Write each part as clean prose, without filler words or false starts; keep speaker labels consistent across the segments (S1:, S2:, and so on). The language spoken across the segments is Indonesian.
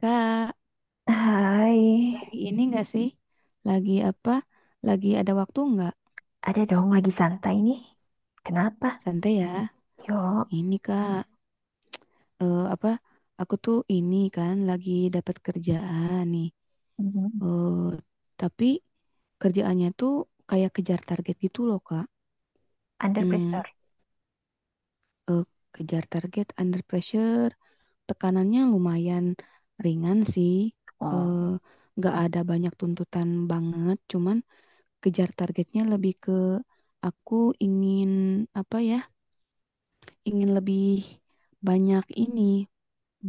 S1: Kak,
S2: Hai,
S1: lagi ini enggak sih? Lagi apa? Lagi ada waktu enggak?
S2: ada dong, lagi santai nih. Kenapa?
S1: Santai ya.
S2: Yuk.
S1: Ini Kak, apa? Aku tuh ini kan lagi dapat kerjaan nih.
S2: Mhm.
S1: Eh, tapi kerjaannya tuh kayak kejar target gitu loh, Kak.
S2: Under
S1: Hmm,
S2: pressure.
S1: eh, Kejar target under pressure, tekanannya lumayan ringan sih.
S2: Oh,
S1: Eh, nggak ada banyak tuntutan banget, cuman kejar targetnya lebih ke aku ingin apa ya, ingin lebih banyak ini,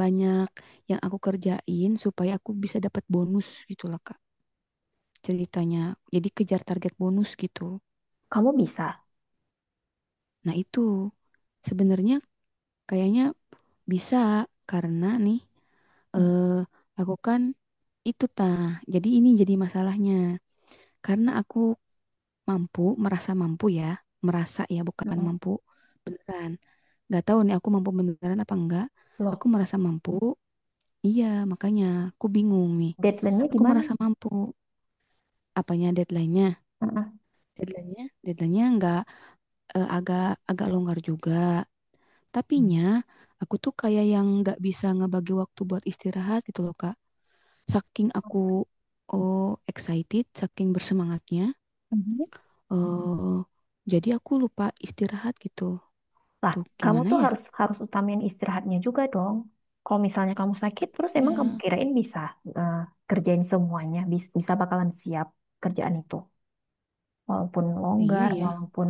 S1: banyak yang aku kerjain supaya aku bisa dapat bonus gitu lah, Kak, ceritanya. Jadi kejar target bonus gitu.
S2: kamu bisa.
S1: Nah, itu sebenarnya kayaknya bisa karena nih,
S2: Hmm.
S1: eh aku kan itu tah. Jadi ini jadi masalahnya. Karena aku mampu, merasa mampu ya, merasa ya bukan
S2: Mm-mm.
S1: mampu beneran. Nggak tahu nih aku mampu beneran apa enggak, aku
S2: Loh,
S1: merasa mampu, iya, makanya aku bingung nih,
S2: deadline-nya di
S1: aku
S2: mana?
S1: merasa mampu. Apanya
S2: Mm-mm.
S1: Deadline-nya nggak, agak agak longgar juga
S2: Mhm.
S1: tapinya. Aku tuh kayak yang nggak bisa ngebagi waktu buat istirahat gitu loh, Kak, saking aku, oh, excited, saking bersemangatnya,
S2: Mhm.
S1: eh jadi aku lupa istirahat gitu.
S2: Lah,
S1: Tuh
S2: kamu
S1: gimana
S2: tuh
S1: ya?
S2: harus harus utamain istirahatnya juga dong. Kalau misalnya kamu sakit, terus emang kamu
S1: Iya,
S2: kirain bisa eh, kerjain semuanya, bisa bakalan siap kerjaan itu. Walaupun
S1: iya
S2: longgar,
S1: ya.
S2: walaupun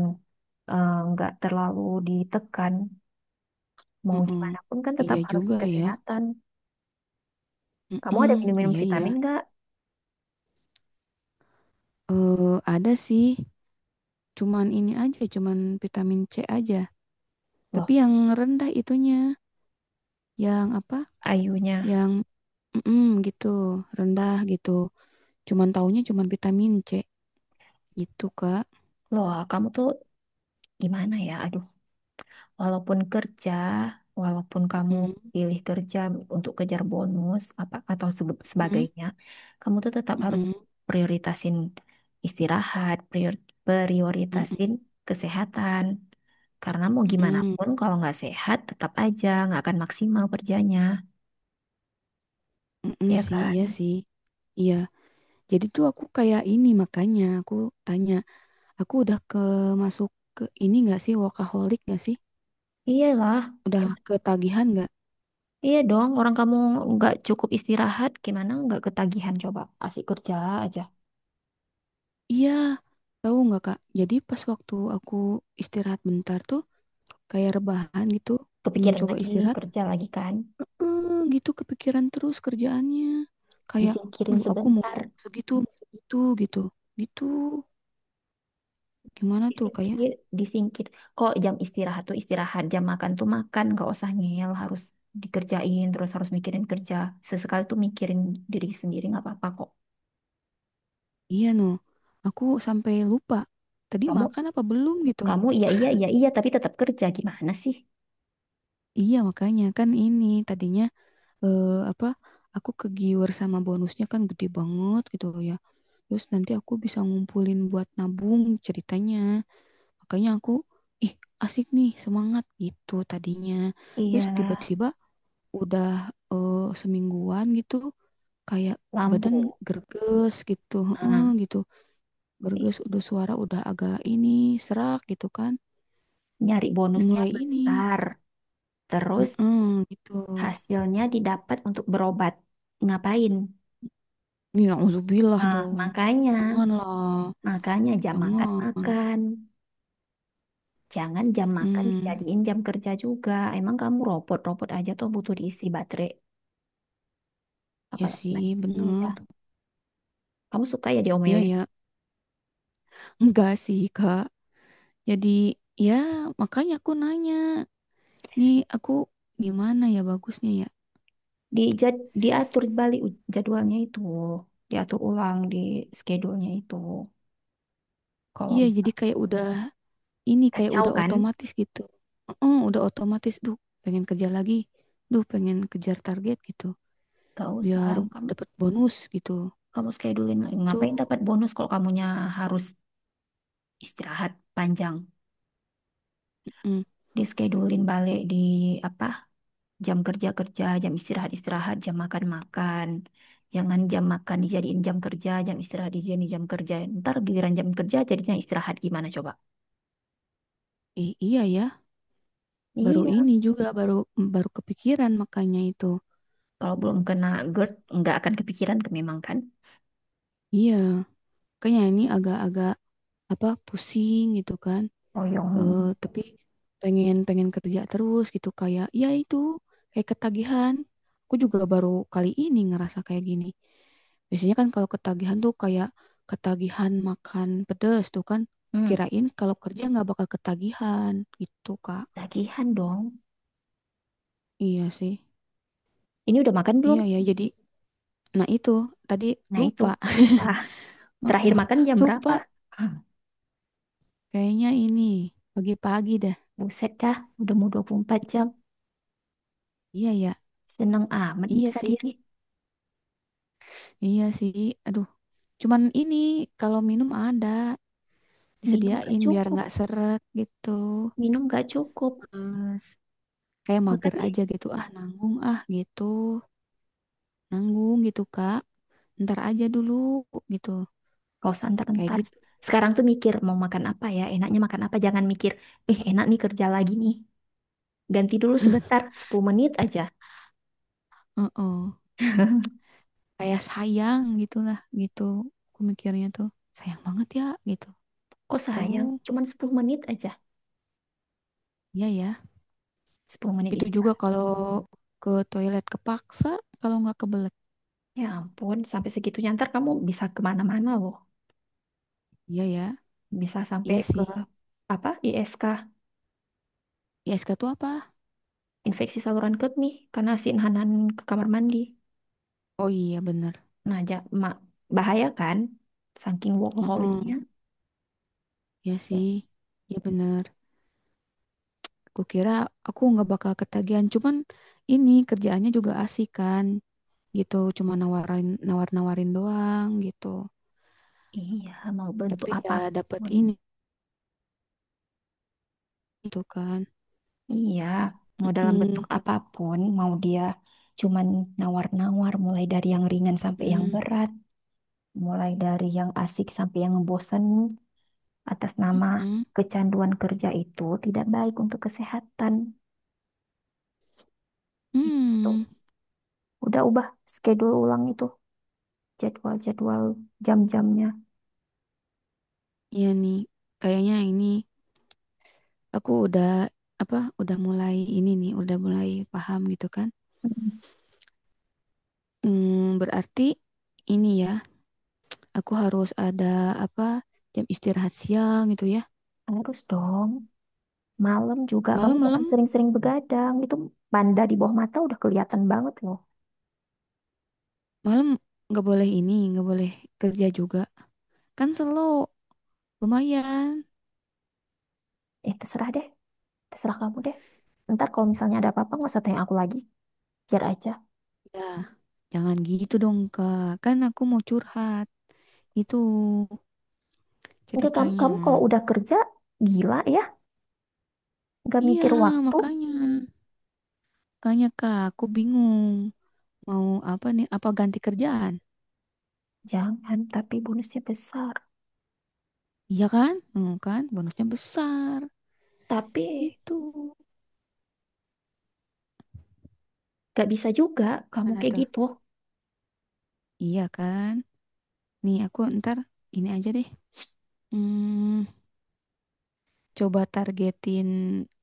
S2: nggak terlalu ditekan, mau
S1: Mm-mm.
S2: gimana pun kan tetap
S1: Iya
S2: harus
S1: juga ya.
S2: kesehatan. Kamu ada
S1: Mm-mm,
S2: minum-minum
S1: iya iya.
S2: vitamin nggak?
S1: Hmm. Ada sih. Cuman ini aja, cuman vitamin C aja. Tapi
S2: Loh,
S1: yang rendah itunya, yang apa?
S2: ayunya.
S1: Yang mm-mm, gitu, rendah gitu. Cuman taunya cuman vitamin C gitu, Kak.
S2: Loh, kamu tuh gimana ya? Aduh, walaupun kerja, walaupun kamu
S1: Mm-mm,
S2: pilih kerja untuk kejar bonus apa atau
S1: mm-mm,
S2: sebagainya, kamu tuh tetap harus
S1: mm-mm,
S2: prioritasin istirahat,
S1: mm-mm,
S2: prioritasin kesehatan. Karena mau gimana
S1: mm-mm,
S2: pun kalau nggak sehat, tetap aja nggak akan maksimal kerjanya,
S1: mm-mm
S2: ya
S1: sih, iya
S2: kan?
S1: sih. Iya. Jadi tuh aku kayak ini, makanya aku tanya, aku udah masuk ke ini gak sih, workaholic gak sih?
S2: Iyalah.
S1: Udah ketagihan gak?
S2: Iya dong, orang kamu nggak cukup istirahat, gimana nggak ketagihan coba? Asik kerja aja.
S1: Iya, tahu nggak Kak? Jadi pas waktu aku istirahat bentar tuh, kayak rebahan gitu,
S2: Kepikiran
S1: mencoba
S2: lagi,
S1: istirahat,
S2: kerja lagi kan?
S1: gitu kepikiran terus kerjaannya. Kayak,
S2: Disingkirin
S1: duh aku
S2: sebentar.
S1: mau segitu gitu. Gitu, gimana tuh kayak,
S2: Disingkir, disingkir. Kok jam istirahat tuh istirahat, jam makan tuh makan, nggak usah ngeyel, harus dikerjain, terus harus mikirin kerja. Sesekali tuh mikirin diri sendiri nggak apa-apa kok.
S1: iya no, aku sampai lupa. Tadi
S2: Kamu,
S1: makan apa belum gitu?
S2: kamu, iya iya iya iya, tapi tetap kerja gimana sih?
S1: Iya makanya kan ini tadinya, apa, aku kegiur sama bonusnya kan gede banget gitu ya. Terus nanti aku bisa ngumpulin buat nabung ceritanya. Makanya aku, ih asik nih, semangat gitu tadinya.
S2: Iya,
S1: Terus tiba-tiba udah, semingguan gitu, kayak
S2: lampu.
S1: badan gerges gitu, heeh
S2: Ah,
S1: gitu.
S2: i-
S1: Gerges, udah suara udah agak ini serak gitu kan.
S2: nyari bonusnya
S1: Mulai ini,
S2: besar. Terus
S1: heeh gitu.
S2: hasilnya didapat untuk berobat. Ngapain?
S1: Ya, uzubillah
S2: Nah,
S1: dong.
S2: makanya,
S1: Janganlah,
S2: makanya jam makan
S1: jangan.
S2: makan. Jangan jam makan
S1: Hmm,
S2: dijadiin jam kerja juga. Emang kamu robot-robot aja tuh butuh diisi baterai.
S1: Ya
S2: Apalagi
S1: sih,
S2: manusia.
S1: bener.
S2: Kamu suka ya
S1: Iya
S2: diomelin.
S1: ya, enggak sih, Kak. Jadi, ya makanya aku nanya, nih aku gimana ya bagusnya ya?
S2: Dijad, diatur balik jadwalnya itu. Diatur ulang di schedule-nya itu. Kalau
S1: Iya,
S2: misal
S1: jadi kayak udah ini, kayak
S2: kacau
S1: udah
S2: kan?
S1: otomatis gitu. Heeh, udah otomatis, duh, pengen kerja lagi. Duh, pengen kejar target gitu.
S2: Gak usah.
S1: Biar
S2: Kamu,
S1: dapat bonus gitu.
S2: kamu schedulein.
S1: Itu,
S2: Ngapain dapat bonus kalau kamunya harus istirahat panjang.
S1: mm,
S2: Dischedulin balik di apa jam kerja kerja, jam istirahat istirahat, jam makan makan. Jangan jam makan dijadiin jam kerja, jam istirahat dijadiin jam kerja, ntar giliran jam kerja jadinya istirahat gimana coba.
S1: iya ya, baru
S2: Iya,
S1: ini juga baru mm, baru kepikiran makanya itu.
S2: kalau belum kena GERD nggak akan kepikiran ke memang kan.
S1: Iya, kayaknya ini agak-agak apa pusing gitu kan.
S2: Oyong.
S1: Tapi pengen pengen kerja terus gitu, kayak ya itu, kayak ketagihan. Aku juga baru kali ini ngerasa kayak gini. Biasanya kan kalau ketagihan tuh kayak ketagihan makan pedes tuh kan,
S2: Hmm,
S1: kirain kalau kerja nggak bakal ketagihan gitu Kak.
S2: tagihan dong.
S1: Iya sih.
S2: Ini udah makan belum?
S1: Iya ya, jadi nah itu, tadi
S2: Nah itu,
S1: lupa.
S2: lupa terakhir makan jam berapa.
S1: Lupa, kayaknya ini pagi-pagi dah.
S2: Buset dah, udah mau 24 jam.
S1: Iya ya.
S2: Seneng amat
S1: Iya
S2: nyiksa
S1: sih.
S2: diri.
S1: Iya sih. Aduh, cuman ini kalau minum ada
S2: Minum gak
S1: disediain biar
S2: cukup,
S1: nggak seret gitu.
S2: minum gak cukup.
S1: Hmm. Terus kayak
S2: Makan
S1: mager
S2: ya.
S1: aja gitu, ah nanggung ah gitu, nanggung gitu Kak, ntar aja dulu gitu,
S2: Gak usah
S1: kayak
S2: entar-entar.
S1: gitu.
S2: Sekarang tuh mikir mau makan apa ya, enaknya makan apa. Jangan mikir, eh enak nih kerja lagi nih. Ganti dulu sebentar, 10 menit aja.
S1: Heeh. Kayak sayang gitulah gitu, aku mikirnya tuh sayang banget ya gitu
S2: Kok
S1: tuh.
S2: sayang, cuman 10 menit aja.
S1: Iya ya,
S2: Sepuluh menit
S1: itu juga
S2: istirahat.
S1: kalau ke toilet, kepaksa kalau nggak kebelet.
S2: Ya ampun, sampai segitunya ntar kamu bisa kemana-mana loh.
S1: Iya ya.
S2: Bisa sampai
S1: Iya
S2: ke
S1: sih.
S2: apa ISK,
S1: ISK tuh apa?
S2: infeksi saluran kemih, karena si Hanan ke kamar mandi.
S1: Oh, iya bener.
S2: Nah, ja, ma- bahaya kan, saking
S1: Heeh.
S2: workaholicnya.
S1: Iya
S2: Ya,
S1: sih. Iya bener. Kukira aku nggak bakal ketagihan, cuman ini kerjaannya juga asik kan, gitu. Cuma nawar-nawarin doang gitu.
S2: iya, mau bentuk
S1: Tapi ya dapat
S2: apapun.
S1: ini gitu kan.
S2: Iya, mau dalam bentuk
S1: Mm-mm,
S2: apapun, mau dia cuman nawar-nawar, mulai dari yang ringan sampai yang
S1: mm-mm,
S2: berat, mulai dari yang asik sampai yang ngebosenin, atas nama
S1: mm-mm,
S2: kecanduan kerja itu tidak baik untuk kesehatan. Itu
S1: mm.
S2: udah ubah schedule ulang itu, jadwal-jadwal jam-jamnya.
S1: Iya nih, kayaknya ini aku udah apa? Udah mulai ini nih, udah mulai paham gitu kan.
S2: Mm.
S1: Berarti ini ya, aku harus ada apa? Jam istirahat siang gitu ya.
S2: Harus dong, malam juga kamu jangan
S1: Malam-malam
S2: sering-sering begadang, itu banda di bawah mata udah kelihatan banget loh.
S1: Malam nggak boleh ini, nggak boleh kerja juga. Kan slow, lumayan.
S2: Eh, terserah deh. Terserah kamu deh. Ntar kalau misalnya ada apa-apa nggak usah tanya aku lagi. Biar aja.
S1: Ya, jangan gitu dong, Kak. Kan aku mau curhat. Itu
S2: Enggak, kamu
S1: ceritanya.
S2: kamu kalau udah kerja gila ya. Nggak
S1: Iya,
S2: mikir waktu.
S1: makanya. Makanya, Kak, aku bingung. Mau apa nih? Apa ganti kerjaan?
S2: Jangan, tapi bonusnya besar.
S1: Iya kan? Kan? Bonusnya besar.
S2: Tapi
S1: Itu.
S2: nggak bisa juga kamu
S1: Mana
S2: kayak
S1: tuh?
S2: gitu.
S1: Iya kan? Nih, aku ntar ini aja deh. Hmm, Coba targetin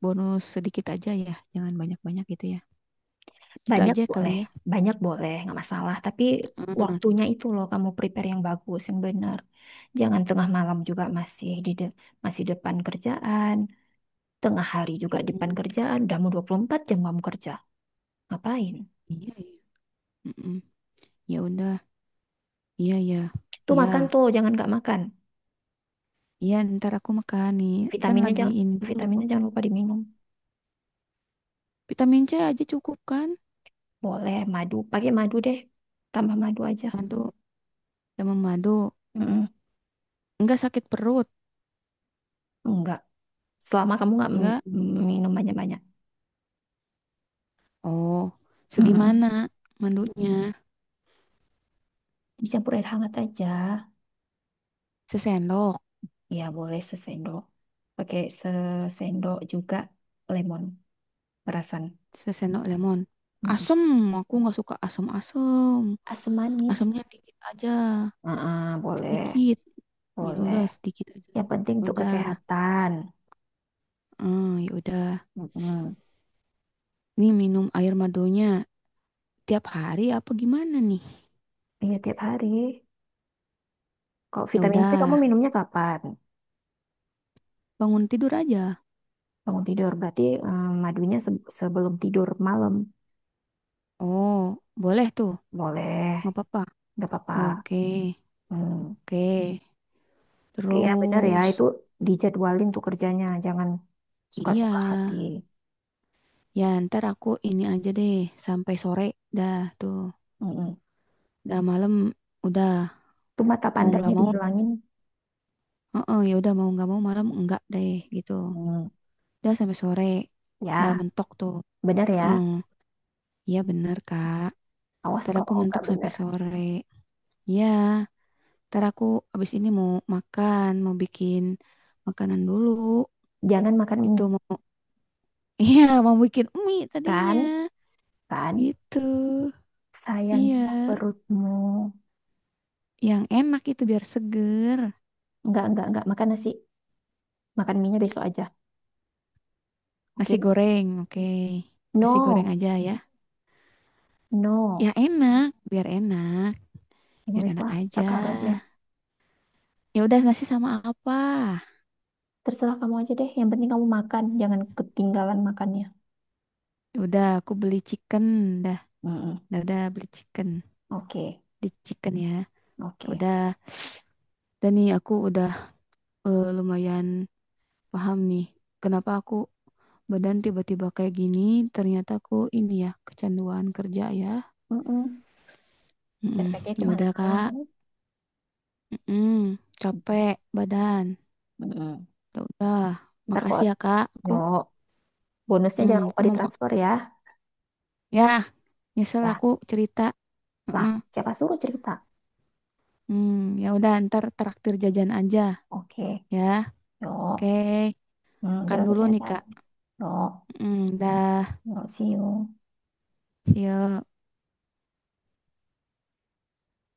S1: bonus sedikit aja ya. Jangan banyak-banyak gitu ya. Gitu
S2: Banyak
S1: aja kali
S2: boleh,
S1: ya.
S2: banyak boleh nggak masalah. Tapi
S1: Heeh.
S2: waktunya itu loh kamu prepare yang bagus, yang benar. Jangan tengah malam juga masih depan kerjaan. Tengah hari juga depan
S1: Mm-mm.
S2: kerjaan. Udah mau 24 jam kamu kerja. Ngapain?
S1: Iya, iya. Mm-mm. Ya udah. Iya, ya.
S2: Tuh
S1: Iya.
S2: makan tuh, jangan nggak makan.
S1: Iya, ntar aku makan nih. Kan
S2: Vitaminnya
S1: lagi
S2: jangan
S1: ini dulu.
S2: vitaminnya jangan lupa diminum.
S1: Vitamin C aja cukup kan?
S2: Boleh madu, pakai madu deh. Tambah madu aja.
S1: Madu, sama madu.
S2: Mm-mm.
S1: Enggak sakit perut.
S2: Enggak. Selama kamu nggak
S1: Enggak.
S2: minum banyak-banyak.
S1: Oh, segimana
S2: Mm-mm.
S1: mandunya?
S2: Dicampur air hangat aja.
S1: Sesendok.
S2: Ya boleh sesendok. Pakai sesendok juga lemon perasan.
S1: Sesendok lemon.
S2: Mm-mm.
S1: Asem, aku nggak suka asem-asem.
S2: Asam manis.
S1: Asemnya dikit aja,
S2: Ah, boleh,
S1: sedikit. Ya
S2: boleh.
S1: udah sedikit aja.
S2: Yang penting
S1: Ya
S2: untuk
S1: Udah,
S2: kesehatan.
S1: ya udah.
S2: Mm-mm.
S1: Nih minum air madunya tiap hari apa gimana nih?
S2: Iya tiap hari. Kalau
S1: Ya
S2: vitamin C kamu
S1: udah,
S2: minumnya kapan?
S1: bangun tidur aja.
S2: Bangun tidur berarti madunya sebelum tidur malam.
S1: Oh, boleh tuh,
S2: Boleh,
S1: nggak apa-apa.
S2: nggak apa-apa.
S1: Oke,
S2: Hmm.
S1: oke.
S2: Oke ya benar ya, itu
S1: Terus,
S2: dijadwalin tuh kerjanya, jangan
S1: iya.
S2: suka-suka hati.
S1: Ya ntar aku ini aja deh, sampai sore. Dah tuh,
S2: Mm-mm.
S1: dah malam. Udah,
S2: Tuh mata
S1: mau nggak
S2: pandanya
S1: mau.
S2: dihilangin.
S1: Heeh, ya udah mau nggak mau malam enggak deh gitu.
S2: Hmm.
S1: Dah sampai sore, dah
S2: Ya,
S1: mentok tuh.
S2: benar
S1: Heeh,
S2: ya.
S1: iya bener Kak.
S2: Awas
S1: Ntar aku
S2: kalau nggak
S1: mentok sampai
S2: benar.
S1: sore. Ya. Ntar aku abis ini mau makan, mau bikin makanan dulu.
S2: Jangan makan mie,
S1: Itu mau, iya mau bikin mie tadinya.
S2: kan? Kan?
S1: Gitu. Iya,
S2: Sayanglah perutmu.
S1: yang enak itu biar seger.
S2: Nggak, nggak. Makan nasi. Makan mie-nya besok aja.
S1: Nasi
S2: Oke?
S1: goreng, oke. Nasi goreng
S2: No,
S1: aja ya. Ya
S2: no.
S1: enak, biar enak, biar
S2: Egois
S1: enak
S2: lah
S1: aja.
S2: sekarang.
S1: Ya udah nasi sama apa?
S2: Terserah kamu aja deh. Yang penting kamu makan, jangan ketinggalan makannya.
S1: Ya udah aku beli chicken dah.
S2: Mm-mm.
S1: Dah beli chicken.
S2: Oke,
S1: Di chicken ya. Ya
S2: oke.
S1: udah. Dan nih aku udah, lumayan paham nih kenapa aku badan tiba-tiba kayak gini, ternyata aku ini ya kecanduan kerja ya.
S2: Mm-mm.
S1: Mm-mm.
S2: Efeknya
S1: Ya udah
S2: kemana-mana
S1: Kak.
S2: kan?
S1: Mm-mm. Capek badan.
S2: Mm-mm.
S1: Ya udah.
S2: Ntar
S1: Makasih
S2: kok,
S1: ya Kak, aku
S2: yo, bonusnya jangan
S1: mm,
S2: lupa
S1: aku mau mak-
S2: ditransfer ya.
S1: ya nyesel
S2: Ya,
S1: aku cerita.
S2: lah,
S1: Mm-mm.
S2: siapa suruh cerita?
S1: Hmm, Ya udah ntar traktir jajan aja
S2: Oke,
S1: ya. Oke.
S2: yo. Hmm,
S1: Makan
S2: jaga
S1: dulu nih
S2: kesehatan.
S1: Kak.
S2: Yo,
S1: Dah
S2: yo, see you.
S1: see you.